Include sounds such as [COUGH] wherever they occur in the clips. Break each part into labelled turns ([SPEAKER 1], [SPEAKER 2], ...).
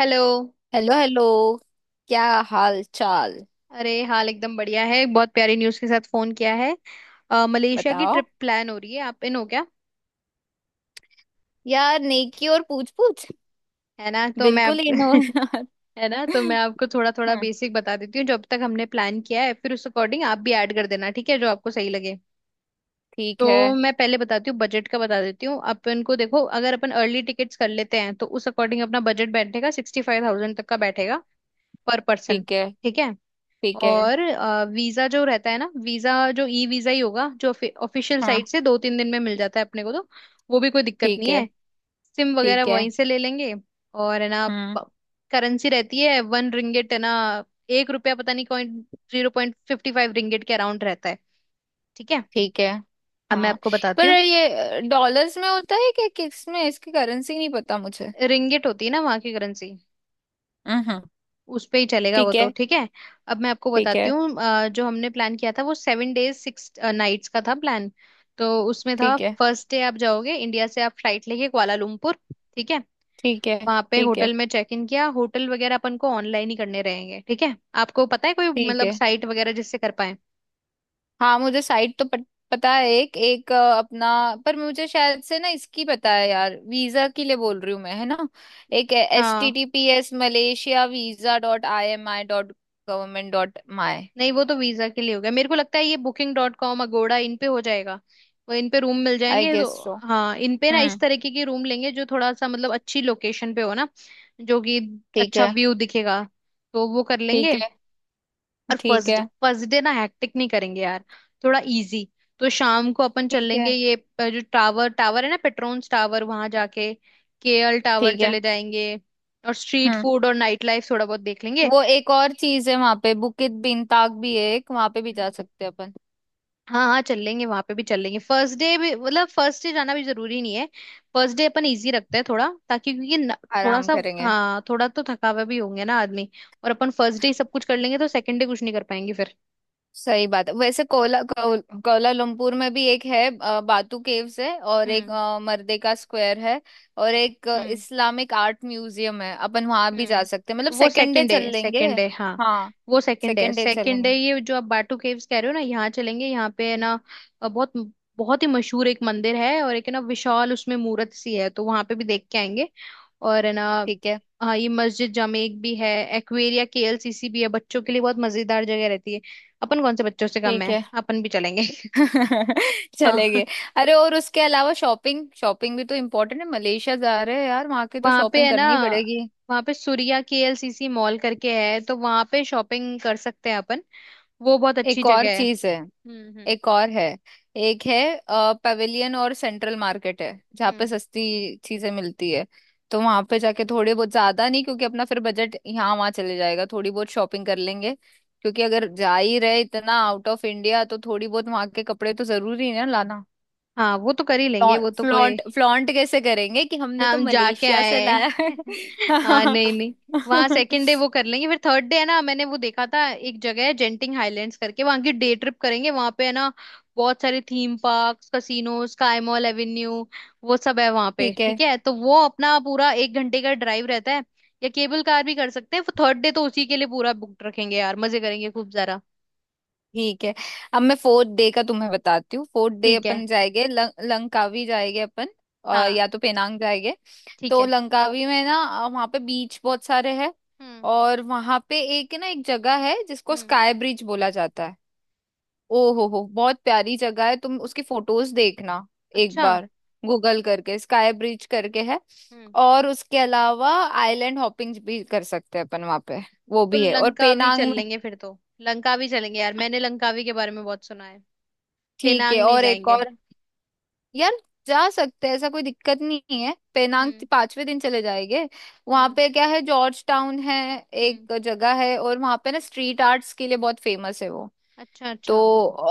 [SPEAKER 1] Hello.
[SPEAKER 2] Hello hello. क्या हाल चाल?
[SPEAKER 1] अरे हाल एकदम बढ़िया है, बहुत प्यारी न्यूज़ के साथ फोन किया है। मलेशिया की
[SPEAKER 2] बताओ
[SPEAKER 1] ट्रिप प्लान हो रही है, आप इन हो क्या?
[SPEAKER 2] यार, नेकी और पूछ पूछ।
[SPEAKER 1] है ना, तो मैं आप
[SPEAKER 2] बिल्कुल ही नो
[SPEAKER 1] [LAUGHS]
[SPEAKER 2] यार।
[SPEAKER 1] है ना, तो मैं
[SPEAKER 2] [LAUGHS]
[SPEAKER 1] आपको थोड़ा थोड़ा
[SPEAKER 2] हाँ।
[SPEAKER 1] बेसिक बता देती हूँ जो अब तक हमने प्लान किया है, फिर उस अकॉर्डिंग आप भी ऐड कर देना, ठीक है, जो आपको सही लगे।
[SPEAKER 2] ठीक है,
[SPEAKER 1] तो मैं पहले बताती हूँ, बजट का बता देती हूँ अपन को। देखो, अगर अपन अर्ली टिकट्स कर लेते हैं तो उस अकॉर्डिंग अपना बजट बैठेगा, 65,000 तक का बैठेगा, पर पर्सन।
[SPEAKER 2] ठीक है,
[SPEAKER 1] ठीक है।
[SPEAKER 2] ठीक है।
[SPEAKER 1] और वीजा जो रहता है ना, वीजा जो ई वीजा ही होगा जो ऑफिशियल
[SPEAKER 2] हाँ,
[SPEAKER 1] साइट से 2 3 दिन में मिल जाता है अपने को, तो वो भी कोई दिक्कत
[SPEAKER 2] ठीक
[SPEAKER 1] नहीं
[SPEAKER 2] है,
[SPEAKER 1] है। सिम वगैरह
[SPEAKER 2] ठीक है।
[SPEAKER 1] वहीं से ले लेंगे। और है ना,
[SPEAKER 2] हम्म,
[SPEAKER 1] करेंसी रहती है 1 रिंगिट, है ना। 1 रुपया, पता नहीं, कॉइन 0.55 रिंगिट के अराउंड रहता है। ठीक है।
[SPEAKER 2] ठीक है।
[SPEAKER 1] अब मैं
[SPEAKER 2] हाँ,
[SPEAKER 1] आपको बताती
[SPEAKER 2] पर
[SPEAKER 1] हूँ।
[SPEAKER 2] ये डॉलर्स में होता है क्या? किस में? इसकी करेंसी नहीं पता मुझे।
[SPEAKER 1] रिंगिट होती है ना वहाँ की करेंसी,
[SPEAKER 2] हम्म।
[SPEAKER 1] उस पे ही चलेगा वो,
[SPEAKER 2] ठीक
[SPEAKER 1] तो
[SPEAKER 2] है,
[SPEAKER 1] ठीक है। अब मैं आपको
[SPEAKER 2] ठीक
[SPEAKER 1] बताती
[SPEAKER 2] है,
[SPEAKER 1] हूँ, जो हमने प्लान किया था, वो 7 डेज 6 नाइट्स का था प्लान। तो उसमें था,
[SPEAKER 2] ठीक है,
[SPEAKER 1] फर्स्ट डे आप जाओगे इंडिया से, आप फ्लाइट लेके कुआलालंपुर। ठीक है।
[SPEAKER 2] ठीक है,
[SPEAKER 1] वहां पे
[SPEAKER 2] ठीक है,
[SPEAKER 1] होटल में चेक इन किया, होटल वगैरह अपन को ऑनलाइन ही करने रहेंगे, ठीक है? आपको पता है कोई
[SPEAKER 2] ठीक
[SPEAKER 1] मतलब
[SPEAKER 2] है।
[SPEAKER 1] साइट वगैरह जिससे कर पाए?
[SPEAKER 2] हाँ, मुझे साइट तो पता है। एक एक अपना, पर मुझे शायद से ना इसकी पता है यार, वीजा के लिए बोल रही हूँ मैं, है ना। एक एच टी
[SPEAKER 1] हाँ।
[SPEAKER 2] T P S Malaysia visa dot I M I dot government dot my
[SPEAKER 1] नहीं, वो तो वीजा के लिए हो गया, मेरे को लगता है ये बुकिंग.कॉम, अगोड़ा इन पे हो जाएगा। वो इन पे रूम मिल
[SPEAKER 2] आई
[SPEAKER 1] जाएंगे तो।
[SPEAKER 2] Guess so.
[SPEAKER 1] हाँ, इन पे ना इस
[SPEAKER 2] हम्म।
[SPEAKER 1] तरीके की रूम लेंगे जो थोड़ा सा मतलब अच्छी लोकेशन पे हो ना, जो कि
[SPEAKER 2] ठीक
[SPEAKER 1] अच्छा
[SPEAKER 2] है,
[SPEAKER 1] व्यू दिखेगा, तो वो कर
[SPEAKER 2] ठीक
[SPEAKER 1] लेंगे।
[SPEAKER 2] है,
[SPEAKER 1] और
[SPEAKER 2] ठीक
[SPEAKER 1] फर्स्ट
[SPEAKER 2] है,
[SPEAKER 1] फर्स्ट डे ना हैक्टिक नहीं करेंगे यार, थोड़ा इजी। तो शाम को अपन चल
[SPEAKER 2] ठीक है,
[SPEAKER 1] लेंगे, ये जो टावर टावर है ना, पेट्रोन्स टावर, वहां जाके केएल टावर
[SPEAKER 2] ठीक है।
[SPEAKER 1] चले जाएंगे। और स्ट्रीट
[SPEAKER 2] हम्म,
[SPEAKER 1] फूड और नाइट लाइफ थोड़ा बहुत देख लेंगे।
[SPEAKER 2] वो एक और चीज है, वहां पे बुकित बिनताक भी है, एक वहां पे भी जा सकते हैं अपन।
[SPEAKER 1] हाँ हाँ, चल लेंगे, वहां पे भी चल लेंगे, फर्स्ट डे भी, मतलब फर्स्ट डे जाना भी जरूरी नहीं है। फर्स्ट डे अपन इजी रखते हैं थोड़ा, ताकि क्योंकि न, थोड़ा
[SPEAKER 2] आराम
[SPEAKER 1] सा,
[SPEAKER 2] करेंगे।
[SPEAKER 1] हाँ थोड़ा तो थकावे भी होंगे ना आदमी। और अपन फर्स्ट डे सब कुछ कर लेंगे तो सेकंड डे कुछ नहीं कर पाएंगे फिर।
[SPEAKER 2] सही बात है, वैसे कोलालमपुर में भी एक है, बातू केव्स है, और एक
[SPEAKER 1] हम्म।
[SPEAKER 2] मर्देका स्क्वायर है, और एक
[SPEAKER 1] हम्म।
[SPEAKER 2] इस्लामिक आर्ट म्यूजियम है। अपन वहां भी जा सकते हैं, मतलब
[SPEAKER 1] हम्म, वो
[SPEAKER 2] सेकेंड डे चल लेंगे।
[SPEAKER 1] सेकंड डे हाँ।
[SPEAKER 2] हाँ,
[SPEAKER 1] वो second day
[SPEAKER 2] second day
[SPEAKER 1] second day,
[SPEAKER 2] चलेंगे।
[SPEAKER 1] ये जो आप बाटू केव्स कह रहे हो ना, यहाँ चलेंगे, यहाँ पे है
[SPEAKER 2] हम्म,
[SPEAKER 1] ना बहुत बहुत ही मशहूर एक मंदिर है। और एक है ना, विशाल उसमें मूर्त सी है, तो वहां पे भी देख के आएंगे। और है ना,
[SPEAKER 2] ठीक है,
[SPEAKER 1] हाँ, ये मस्जिद जामेक भी है। एक्वेरिया केएलसीसी भी है, बच्चों के लिए बहुत मजेदार जगह रहती है, अपन कौन से बच्चों से कम
[SPEAKER 2] ठीक
[SPEAKER 1] है,
[SPEAKER 2] है।
[SPEAKER 1] अपन भी चलेंगे।
[SPEAKER 2] [LAUGHS] चलेंगे।
[SPEAKER 1] [LAUGHS] हाँ।
[SPEAKER 2] अरे, और उसके अलावा शॉपिंग शॉपिंग भी तो इम्पोर्टेंट है। मलेशिया जा रहे हैं यार, वहां की तो
[SPEAKER 1] वहां पे
[SPEAKER 2] शॉपिंग
[SPEAKER 1] है ना,
[SPEAKER 2] करनी ही पड़ेगी।
[SPEAKER 1] वहां पे सूर्या केएलसीसी मॉल करके है, तो वहां पे शॉपिंग कर सकते हैं अपन। वो बहुत अच्छी
[SPEAKER 2] एक और
[SPEAKER 1] जगह है।
[SPEAKER 2] चीज है,
[SPEAKER 1] हम्म।
[SPEAKER 2] एक और है। एक है पवेलियन और सेंट्रल मार्केट है, जहाँ पे
[SPEAKER 1] हम्म।
[SPEAKER 2] सस्ती चीजें मिलती है। तो वहां पे जाके थोड़े बहुत, ज्यादा नहीं क्योंकि अपना फिर बजट यहाँ वहाँ चले जाएगा, थोड़ी बहुत शॉपिंग कर लेंगे। क्योंकि अगर जा ही रहे इतना आउट ऑफ इंडिया, तो थोड़ी बहुत वहां के कपड़े तो जरूरी है ना लाना।
[SPEAKER 1] हाँ वो तो कर ही लेंगे, वो तो कोई,
[SPEAKER 2] फ्लॉन्ट, फ्लॉन्ट कैसे करेंगे कि हमने तो
[SPEAKER 1] हम जाके
[SPEAKER 2] मलेशिया
[SPEAKER 1] आए
[SPEAKER 2] से लाया है।
[SPEAKER 1] हैं। [LAUGHS] हाँ, नहीं
[SPEAKER 2] [LAUGHS]
[SPEAKER 1] नहीं, वहाँ सेकंड डे वो कर लेंगे। फिर थर्ड डे है ना, मैंने वो देखा था, एक जगह है जेंटिंग हाइलैंड्स करके, वहाँ की डे ट्रिप करेंगे। वहाँ पे है ना बहुत सारे theme park, casino, sky mall avenue, वो सब है वहाँ पे।
[SPEAKER 2] ठीक है,
[SPEAKER 1] ठीक है, तो वो अपना पूरा 1 घंटे का ड्राइव रहता है, या केबल कार भी कर सकते हैं। थर्ड डे तो उसी के लिए पूरा बुक रखेंगे यार, मजे करेंगे खूब जरा।
[SPEAKER 2] ठीक है। अब मैं फोर्थ डे का तुम्हें बताती हूँ, फोर्थ डे
[SPEAKER 1] ठीक है।
[SPEAKER 2] अपन जाएंगे, लंकावी जाएंगे अपन, और
[SPEAKER 1] हाँ,
[SPEAKER 2] या तो पेनांग जाएंगे।
[SPEAKER 1] ठीक
[SPEAKER 2] तो
[SPEAKER 1] है।
[SPEAKER 2] लंकावी में ना, वहाँ पे बीच बहुत सारे हैं।
[SPEAKER 1] हम्म
[SPEAKER 2] और वहाँ पे एक ना, एक जगह है जिसको
[SPEAKER 1] हम्म।
[SPEAKER 2] स्काई ब्रिज बोला जाता है। ओ हो, बहुत प्यारी जगह है, तुम उसकी फोटोज देखना एक
[SPEAKER 1] अच्छा,
[SPEAKER 2] बार, गूगल करके स्काई ब्रिज करके है। और उसके अलावा आइलैंड हॉपिंग भी कर सकते हैं अपन वहाँ पे, वो
[SPEAKER 1] तो
[SPEAKER 2] भी है। और
[SPEAKER 1] लंकावी
[SPEAKER 2] पेनांग
[SPEAKER 1] चल
[SPEAKER 2] में।
[SPEAKER 1] लेंगे, फिर तो लंकावी चलेंगे यार, मैंने लंकावी के बारे में बहुत सुना है।
[SPEAKER 2] ठीक है,
[SPEAKER 1] पेनांग नहीं
[SPEAKER 2] और एक
[SPEAKER 1] जाएंगे?
[SPEAKER 2] और यार, जा सकते हैं, ऐसा कोई दिक्कत नहीं है, पेनांग
[SPEAKER 1] हम्म।
[SPEAKER 2] पांचवे दिन चले जाएंगे। वहां
[SPEAKER 1] हम्म।
[SPEAKER 2] पे क्या है, जॉर्ज टाउन है,
[SPEAKER 1] हम्म।
[SPEAKER 2] एक जगह है, और वहां पे ना स्ट्रीट आर्ट्स के लिए बहुत फेमस है वो।
[SPEAKER 1] अच्छा
[SPEAKER 2] तो
[SPEAKER 1] अच्छा।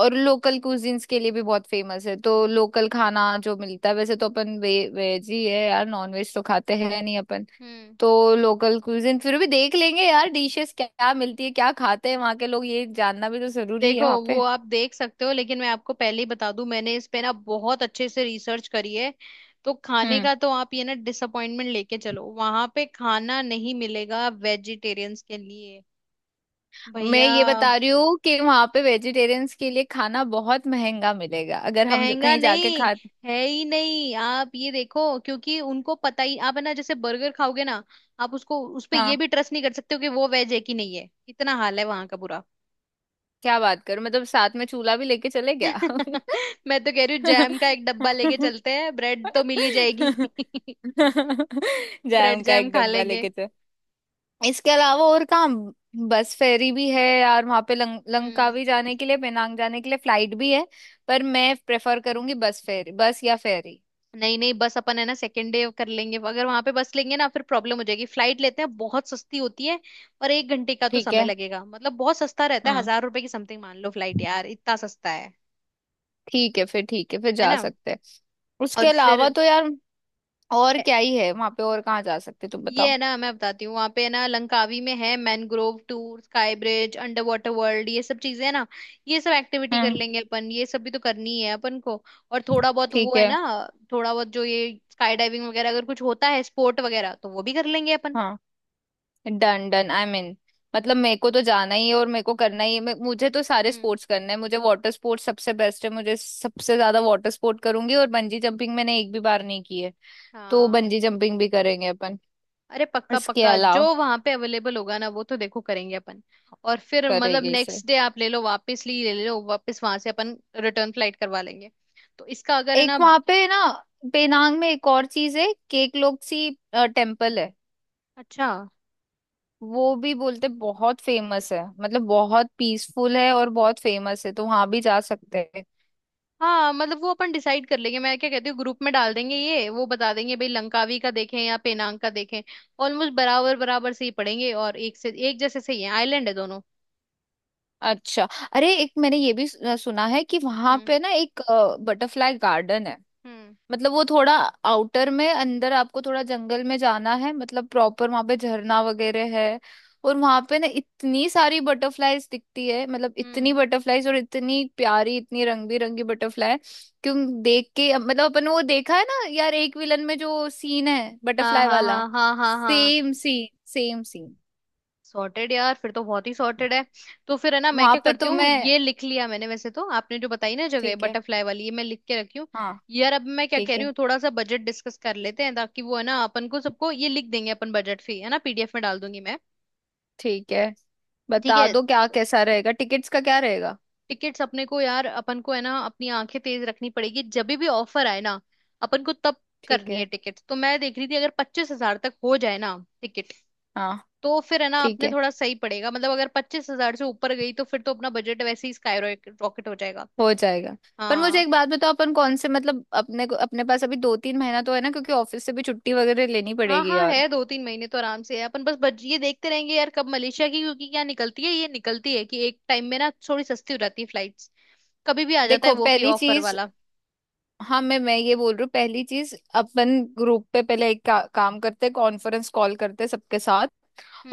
[SPEAKER 2] और लोकल कुजिन्स के लिए भी बहुत फेमस है, तो लोकल खाना जो मिलता है, वैसे तो अपन वेज ही है यार, नॉन वेज तो खाते हैं नहीं अपन।
[SPEAKER 1] हम्म।
[SPEAKER 2] तो लोकल कुजिन फिर भी देख लेंगे यार, डिशेस क्या, क्या मिलती है, क्या खाते हैं वहाँ के लोग, ये जानना भी तो जरूरी है
[SPEAKER 1] देखो,
[SPEAKER 2] वहाँ
[SPEAKER 1] वो
[SPEAKER 2] पे।
[SPEAKER 1] आप देख सकते हो लेकिन मैं आपको पहले ही बता दूं, मैंने इस पे ना बहुत अच्छे से रिसर्च करी है। तो खाने
[SPEAKER 2] हम्म।
[SPEAKER 1] का तो आप ये ना डिसअपॉइंटमेंट लेके चलो, वहां पे खाना नहीं मिलेगा वेजिटेरियंस के लिए।
[SPEAKER 2] मैं
[SPEAKER 1] भैया,
[SPEAKER 2] ये बता रही हूँ कि वहां पे वेजिटेरियंस के लिए खाना बहुत महंगा मिलेगा, अगर हम
[SPEAKER 1] महंगा
[SPEAKER 2] कहीं जाके
[SPEAKER 1] नहीं,
[SPEAKER 2] खा।
[SPEAKER 1] है ही नहीं। आप ये देखो, क्योंकि उनको पता ही आप है ना, जैसे बर्गर खाओगे ना, आप उसको उस पे ये
[SPEAKER 2] हाँ,
[SPEAKER 1] भी ट्रस्ट नहीं कर सकते हो कि वो वेज है कि नहीं है, इतना हाल है वहां का बुरा।
[SPEAKER 2] क्या बात करूं, मतलब साथ में चूल्हा भी लेके चले
[SPEAKER 1] [LAUGHS]
[SPEAKER 2] गया। [LAUGHS]
[SPEAKER 1] मैं तो कह रही हूँ जैम का एक डब्बा लेके चलते हैं, ब्रेड तो मिल ही जाएगी। [LAUGHS] ब्रेड
[SPEAKER 2] जैम का
[SPEAKER 1] जैम
[SPEAKER 2] एक
[SPEAKER 1] खा
[SPEAKER 2] डब्बा
[SPEAKER 1] लेंगे।
[SPEAKER 2] लेके चल। इसके अलावा और कहाँ? बस फेरी भी है यार वहां पे,
[SPEAKER 1] हम्म।
[SPEAKER 2] लंकावी जाने के लिए, पेनांग जाने के लिए फ्लाइट भी है, पर मैं प्रेफर करूंगी बस फेरी, बस या फेरी।
[SPEAKER 1] नहीं नहीं, बस अपन है ना सेकेंड डे कर लेंगे, अगर वहां पे बस लेंगे ना फिर प्रॉब्लम हो जाएगी, फ्लाइट लेते हैं बहुत सस्ती होती है। और 1 घंटे का तो
[SPEAKER 2] ठीक
[SPEAKER 1] समय
[SPEAKER 2] है।
[SPEAKER 1] लगेगा, मतलब बहुत सस्ता रहता है,
[SPEAKER 2] हम्म,
[SPEAKER 1] 1,000 रुपए की समथिंग मान लो फ्लाइट, यार इतना सस्ता है।
[SPEAKER 2] ठीक है, फिर ठीक है, फिर
[SPEAKER 1] है
[SPEAKER 2] जा
[SPEAKER 1] ना।
[SPEAKER 2] सकते हैं। उसके
[SPEAKER 1] और फिर
[SPEAKER 2] अलावा तो यार और
[SPEAKER 1] ए-
[SPEAKER 2] क्या ही है वहां पे, और कहाँ जा सकते, तुम
[SPEAKER 1] ये
[SPEAKER 2] बताओ?
[SPEAKER 1] है ना, मैं बताती हूँ, वहां पे है ना लंकावी में है mangrove tour, sky bridge, under water world, ये सब चीजें है ना, ये सब एक्टिविटी कर
[SPEAKER 2] हम्म।
[SPEAKER 1] लेंगे अपन, ये सब भी तो करनी है अपन को। और थोड़ा बहुत वो
[SPEAKER 2] ठीक
[SPEAKER 1] है
[SPEAKER 2] है।
[SPEAKER 1] ना, थोड़ा बहुत जो ये स्काई डाइविंग वगैरह अगर कुछ होता है, स्पोर्ट वगैरह, तो वो भी कर लेंगे अपन।
[SPEAKER 2] हाँ, डन डन, आई मीन, मतलब मेरे को तो जाना ही है और मेरे को करना ही है। मुझे तो सारे
[SPEAKER 1] हम्म।
[SPEAKER 2] स्पोर्ट्स करने हैं, मुझे वाटर स्पोर्ट्स सबसे बेस्ट है, मुझे सबसे ज्यादा वाटर स्पोर्ट करूंगी। और बंजी जंपिंग मैंने एक भी बार नहीं की है, तो
[SPEAKER 1] हाँ,
[SPEAKER 2] बंजी जंपिंग भी करेंगे अपन।
[SPEAKER 1] अरे पक्का
[SPEAKER 2] इसके
[SPEAKER 1] पक्का,
[SPEAKER 2] अलावा
[SPEAKER 1] जो वहां पे अवेलेबल होगा ना वो तो देखो करेंगे अपन। और फिर मतलब
[SPEAKER 2] करेंगे इसे।
[SPEAKER 1] नेक्स्ट डे आप ले लो वापस, ली ले लो वापस, वहां से अपन रिटर्न फ्लाइट करवा लेंगे। तो इसका अगर है
[SPEAKER 2] एक
[SPEAKER 1] ना।
[SPEAKER 2] वहां पे ना, पेनांग में एक और चीज है, केकलोक्सी टेम्पल है।
[SPEAKER 1] अच्छा।
[SPEAKER 2] वो भी बोलते बहुत फेमस है, मतलब बहुत पीसफुल है और बहुत फेमस है, तो वहां भी जा सकते हैं।
[SPEAKER 1] हाँ मतलब वो अपन डिसाइड कर लेंगे, मैं क्या कहती हूँ ग्रुप में डाल देंगे, ये वो बता देंगे, भाई लंकावी का देखें या पेनांग का देखें। ऑलमोस्ट बराबर बराबर से ही पड़ेंगे, और एक से एक जैसे सही है, आइलैंड है दोनों।
[SPEAKER 2] अच्छा। अरे, एक मैंने ये भी सुना है कि वहां
[SPEAKER 1] हम्म।
[SPEAKER 2] पे ना एक बटरफ्लाई गार्डन है।
[SPEAKER 1] हम्म।
[SPEAKER 2] मतलब वो थोड़ा आउटर में, अंदर आपको थोड़ा जंगल में जाना है, मतलब प्रॉपर वहां पे झरना वगैरह है। और वहां पे ना इतनी सारी बटरफ्लाईज दिखती है, मतलब इतनी
[SPEAKER 1] हम्म।
[SPEAKER 2] बटरफ्लाईज और इतनी प्यारी, इतनी रंग बिरंगी बटरफ्लाई। क्यों? देख के मतलब अपन, वो देखा है ना यार, एक विलन में जो सीन है
[SPEAKER 1] हाँ
[SPEAKER 2] बटरफ्लाई
[SPEAKER 1] हाँ
[SPEAKER 2] वाला।
[SPEAKER 1] हाँ हाँ हाँ हाँ।
[SPEAKER 2] Same scene, same scene.
[SPEAKER 1] Sorted यार, फिर तो बहुत ही सॉर्टेड है। तो फिर है ना मैं
[SPEAKER 2] वहां
[SPEAKER 1] क्या
[SPEAKER 2] पे
[SPEAKER 1] करती
[SPEAKER 2] तो
[SPEAKER 1] हूँ,
[SPEAKER 2] मैं।
[SPEAKER 1] ये लिख लिया मैंने, वैसे तो आपने जो बताई ना जगह
[SPEAKER 2] ठीक है।
[SPEAKER 1] बटरफ्लाई वाली, ये मैं लिख के रखी हूँ।
[SPEAKER 2] हाँ,
[SPEAKER 1] यार अब मैं क्या कह
[SPEAKER 2] ठीक
[SPEAKER 1] रही
[SPEAKER 2] है,
[SPEAKER 1] हूँ, थोड़ा सा बजट डिस्कस कर लेते हैं, ताकि वो है ना अपन को सबको ये लिख देंगे अपन, बजट फी है ना पीडीएफ में डाल दूंगी मैं।
[SPEAKER 2] ठीक है,
[SPEAKER 1] ठीक
[SPEAKER 2] बता
[SPEAKER 1] है।
[SPEAKER 2] दो क्या कैसा रहेगा, टिकट्स का क्या रहेगा?
[SPEAKER 1] टिकट्स अपने को यार, अपन को है ना अपनी आंखें तेज रखनी पड़ेगी, जब भी ऑफर आए ना अपन को तब
[SPEAKER 2] ठीक
[SPEAKER 1] करनी है
[SPEAKER 2] है।
[SPEAKER 1] टिकट। तो मैं देख रही थी अगर 25,000 तक हो जाए ना टिकट,
[SPEAKER 2] हाँ,
[SPEAKER 1] तो फिर है ना
[SPEAKER 2] ठीक
[SPEAKER 1] अपने
[SPEAKER 2] है,
[SPEAKER 1] थोड़ा सही पड़ेगा। मतलब अगर 25,000 से ऊपर गई, तो फिर तो अपना बजट वैसे ही स्काई रॉकेट हो जाएगा।
[SPEAKER 2] हो जाएगा। पर मुझे
[SPEAKER 1] हाँ।
[SPEAKER 2] एक बात बताओ, अपन कौन से, मतलब अपने को, अपने पास अभी दो तीन महीना तो है ना, क्योंकि ऑफिस से भी छुट्टी वगैरह लेनी
[SPEAKER 1] हाँ
[SPEAKER 2] पड़ेगी
[SPEAKER 1] हाँ,
[SPEAKER 2] और
[SPEAKER 1] है 2 3 महीने तो आराम से है अपन। बस बज ये देखते रहेंगे यार, कब मलेशिया की, क्योंकि क्या निकलती है, ये निकलती है कि एक टाइम में ना थोड़ी सस्ती हो जाती है फ्लाइट्स, कभी भी आ जाता है
[SPEAKER 2] देखो
[SPEAKER 1] वो की
[SPEAKER 2] पहली
[SPEAKER 1] ऑफर
[SPEAKER 2] चीज,
[SPEAKER 1] वाला।
[SPEAKER 2] हाँ, मैं ये बोल रही हूँ पहली चीज, अपन ग्रुप पे पहले एक काम करते हैं, कॉन्फ्रेंस कॉल करते हैं सबके साथ,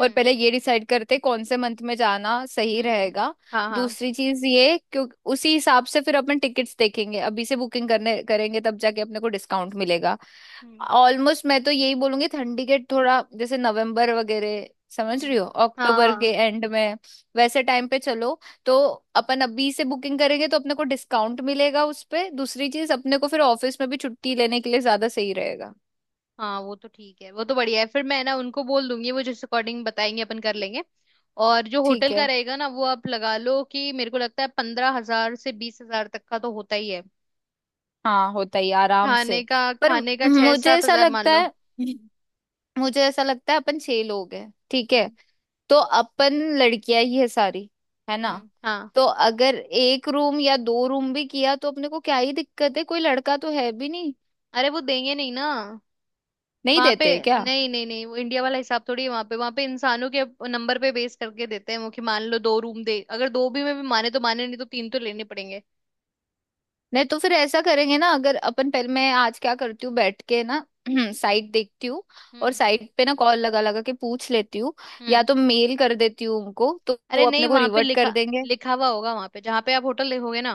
[SPEAKER 2] और पहले ये डिसाइड करते हैं कौन से मंथ में जाना सही
[SPEAKER 1] हम्म।
[SPEAKER 2] रहेगा।
[SPEAKER 1] हाँ हाँ।
[SPEAKER 2] दूसरी चीज, ये क्यों, उसी हिसाब से फिर अपन टिकट्स देखेंगे, अभी से बुकिंग करने करेंगे तब जाके अपने को डिस्काउंट मिलेगा।
[SPEAKER 1] हम्म।
[SPEAKER 2] ऑलमोस्ट मैं तो यही बोलूंगी ठंडी के, थोड़ा जैसे नवंबर वगैरह, समझ रही
[SPEAKER 1] हम्म।
[SPEAKER 2] हो,
[SPEAKER 1] हाँ
[SPEAKER 2] अक्टूबर के
[SPEAKER 1] हाँ,
[SPEAKER 2] एंड में वैसे टाइम पे चलो। तो अपन अभी से बुकिंग करेंगे तो अपने को डिस्काउंट मिलेगा उस पे, दूसरी चीज अपने को फिर ऑफिस में भी छुट्टी लेने के लिए ज्यादा सही रहेगा।
[SPEAKER 1] हाँ वो तो ठीक है, वो तो बढ़िया है, फिर मैं ना उनको बोल दूंगी, वो जिस अकॉर्डिंग बताएंगे अपन कर लेंगे। और जो
[SPEAKER 2] ठीक
[SPEAKER 1] होटल का
[SPEAKER 2] है।
[SPEAKER 1] रहेगा ना, वो आप लगा लो कि मेरे को लगता है 15,000 से 20,000 तक का तो होता ही है।
[SPEAKER 2] हाँ, होता ही आराम से।
[SPEAKER 1] खाने का,
[SPEAKER 2] पर
[SPEAKER 1] खाने का छह
[SPEAKER 2] मुझे
[SPEAKER 1] सात
[SPEAKER 2] ऐसा
[SPEAKER 1] हजार मान
[SPEAKER 2] लगता
[SPEAKER 1] लो।
[SPEAKER 2] है,
[SPEAKER 1] हम्म।
[SPEAKER 2] मुझे ऐसा लगता है अपन छह लोग हैं, ठीक है,
[SPEAKER 1] हम्म।
[SPEAKER 2] तो अपन लड़कियां ही है सारी, है ना।
[SPEAKER 1] हाँ।
[SPEAKER 2] तो अगर एक रूम या दो रूम भी किया तो अपने को क्या ही दिक्कत है, कोई लड़का तो है भी नहीं।
[SPEAKER 1] अरे वो देंगे नहीं ना
[SPEAKER 2] नहीं
[SPEAKER 1] वहां पे।
[SPEAKER 2] देते क्या?
[SPEAKER 1] नहीं नहीं नहीं, वो इंडिया वाला हिसाब थोड़ी है वहां पे, वहां पे इंसानों के नंबर पे बेस करके देते हैं वो, कि मान लो दो रूम दे, अगर दो भी में भी माने तो माने, नहीं तो तीन तो लेने पड़ेंगे।
[SPEAKER 2] नहीं तो फिर ऐसा करेंगे ना, अगर अपन पहले, मैं आज क्या करती हूँ बैठ के ना [CLEARS THROAT] साइट देखती हूँ, और
[SPEAKER 1] हम्म।
[SPEAKER 2] साइट पे ना कॉल लगा लगा के पूछ लेती हूँ, या
[SPEAKER 1] हम्म।
[SPEAKER 2] तो मेल कर देती हूँ उनको तो
[SPEAKER 1] अरे
[SPEAKER 2] वो अपने
[SPEAKER 1] नहीं,
[SPEAKER 2] को
[SPEAKER 1] वहां पे
[SPEAKER 2] रिवर्ट
[SPEAKER 1] लिखा
[SPEAKER 2] कर देंगे।
[SPEAKER 1] लिखा हुआ होगा, वहां पे जहां पे आप होटल लिखोगे ना,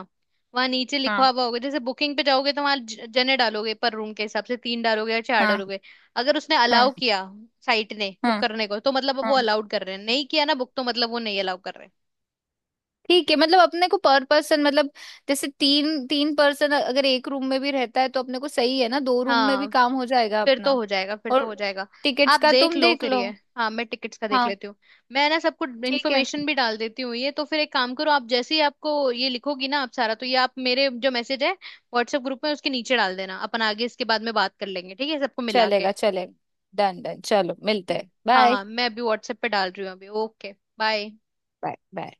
[SPEAKER 1] वहां नीचे लिखा
[SPEAKER 2] हाँ,
[SPEAKER 1] हुआ होगा, जैसे बुकिंग पे जाओगे तो वहां जने डालोगे पर रूम के हिसाब से, तीन डालोगे या चार
[SPEAKER 2] हाँ,
[SPEAKER 1] डालोगे। अगर उसने
[SPEAKER 2] हाँ,
[SPEAKER 1] अलाउ किया साइट ने
[SPEAKER 2] हाँ,
[SPEAKER 1] बुक करने को, तो मतलब वो
[SPEAKER 2] हाँ।
[SPEAKER 1] अलाउड कर रहे हैं। नहीं किया ना बुक, तो मतलब वो नहीं अलाउ कर रहे हैं।
[SPEAKER 2] ठीक है, मतलब अपने को पर पर्सन मतलब, जैसे तीन तीन पर्सन अगर एक रूम में भी रहता है तो अपने को सही है ना, दो रूम में भी
[SPEAKER 1] हाँ।
[SPEAKER 2] काम हो जाएगा
[SPEAKER 1] फिर तो
[SPEAKER 2] अपना।
[SPEAKER 1] हो जाएगा, फिर तो
[SPEAKER 2] और
[SPEAKER 1] हो जाएगा।
[SPEAKER 2] टिकट्स
[SPEAKER 1] आप
[SPEAKER 2] का
[SPEAKER 1] देख
[SPEAKER 2] तुम
[SPEAKER 1] लो
[SPEAKER 2] देख
[SPEAKER 1] फिर
[SPEAKER 2] लो।
[SPEAKER 1] ये। हाँ मैं टिकट्स का देख
[SPEAKER 2] हाँ,
[SPEAKER 1] लेती हूँ। मैं ना सबको
[SPEAKER 2] ठीक है,
[SPEAKER 1] इन्फॉर्मेशन भी डाल देती हूँ, ये तो फिर एक काम करो, आप जैसे ही आपको ये लिखोगी ना आप सारा, तो ये आप मेरे जो मैसेज है व्हाट्सएप ग्रुप में उसके नीचे डाल देना, अपन आगे इसके बाद में बात कर लेंगे, ठीक है, सबको मिला के।
[SPEAKER 2] चलेगा चलेगा, डन डन, चलो मिलते हैं,
[SPEAKER 1] हाँ
[SPEAKER 2] बाय,
[SPEAKER 1] हाँ, मैं अभी व्हाट्सएप पे डाल रही हूँ अभी। ओके। बाय।
[SPEAKER 2] Bye, bye.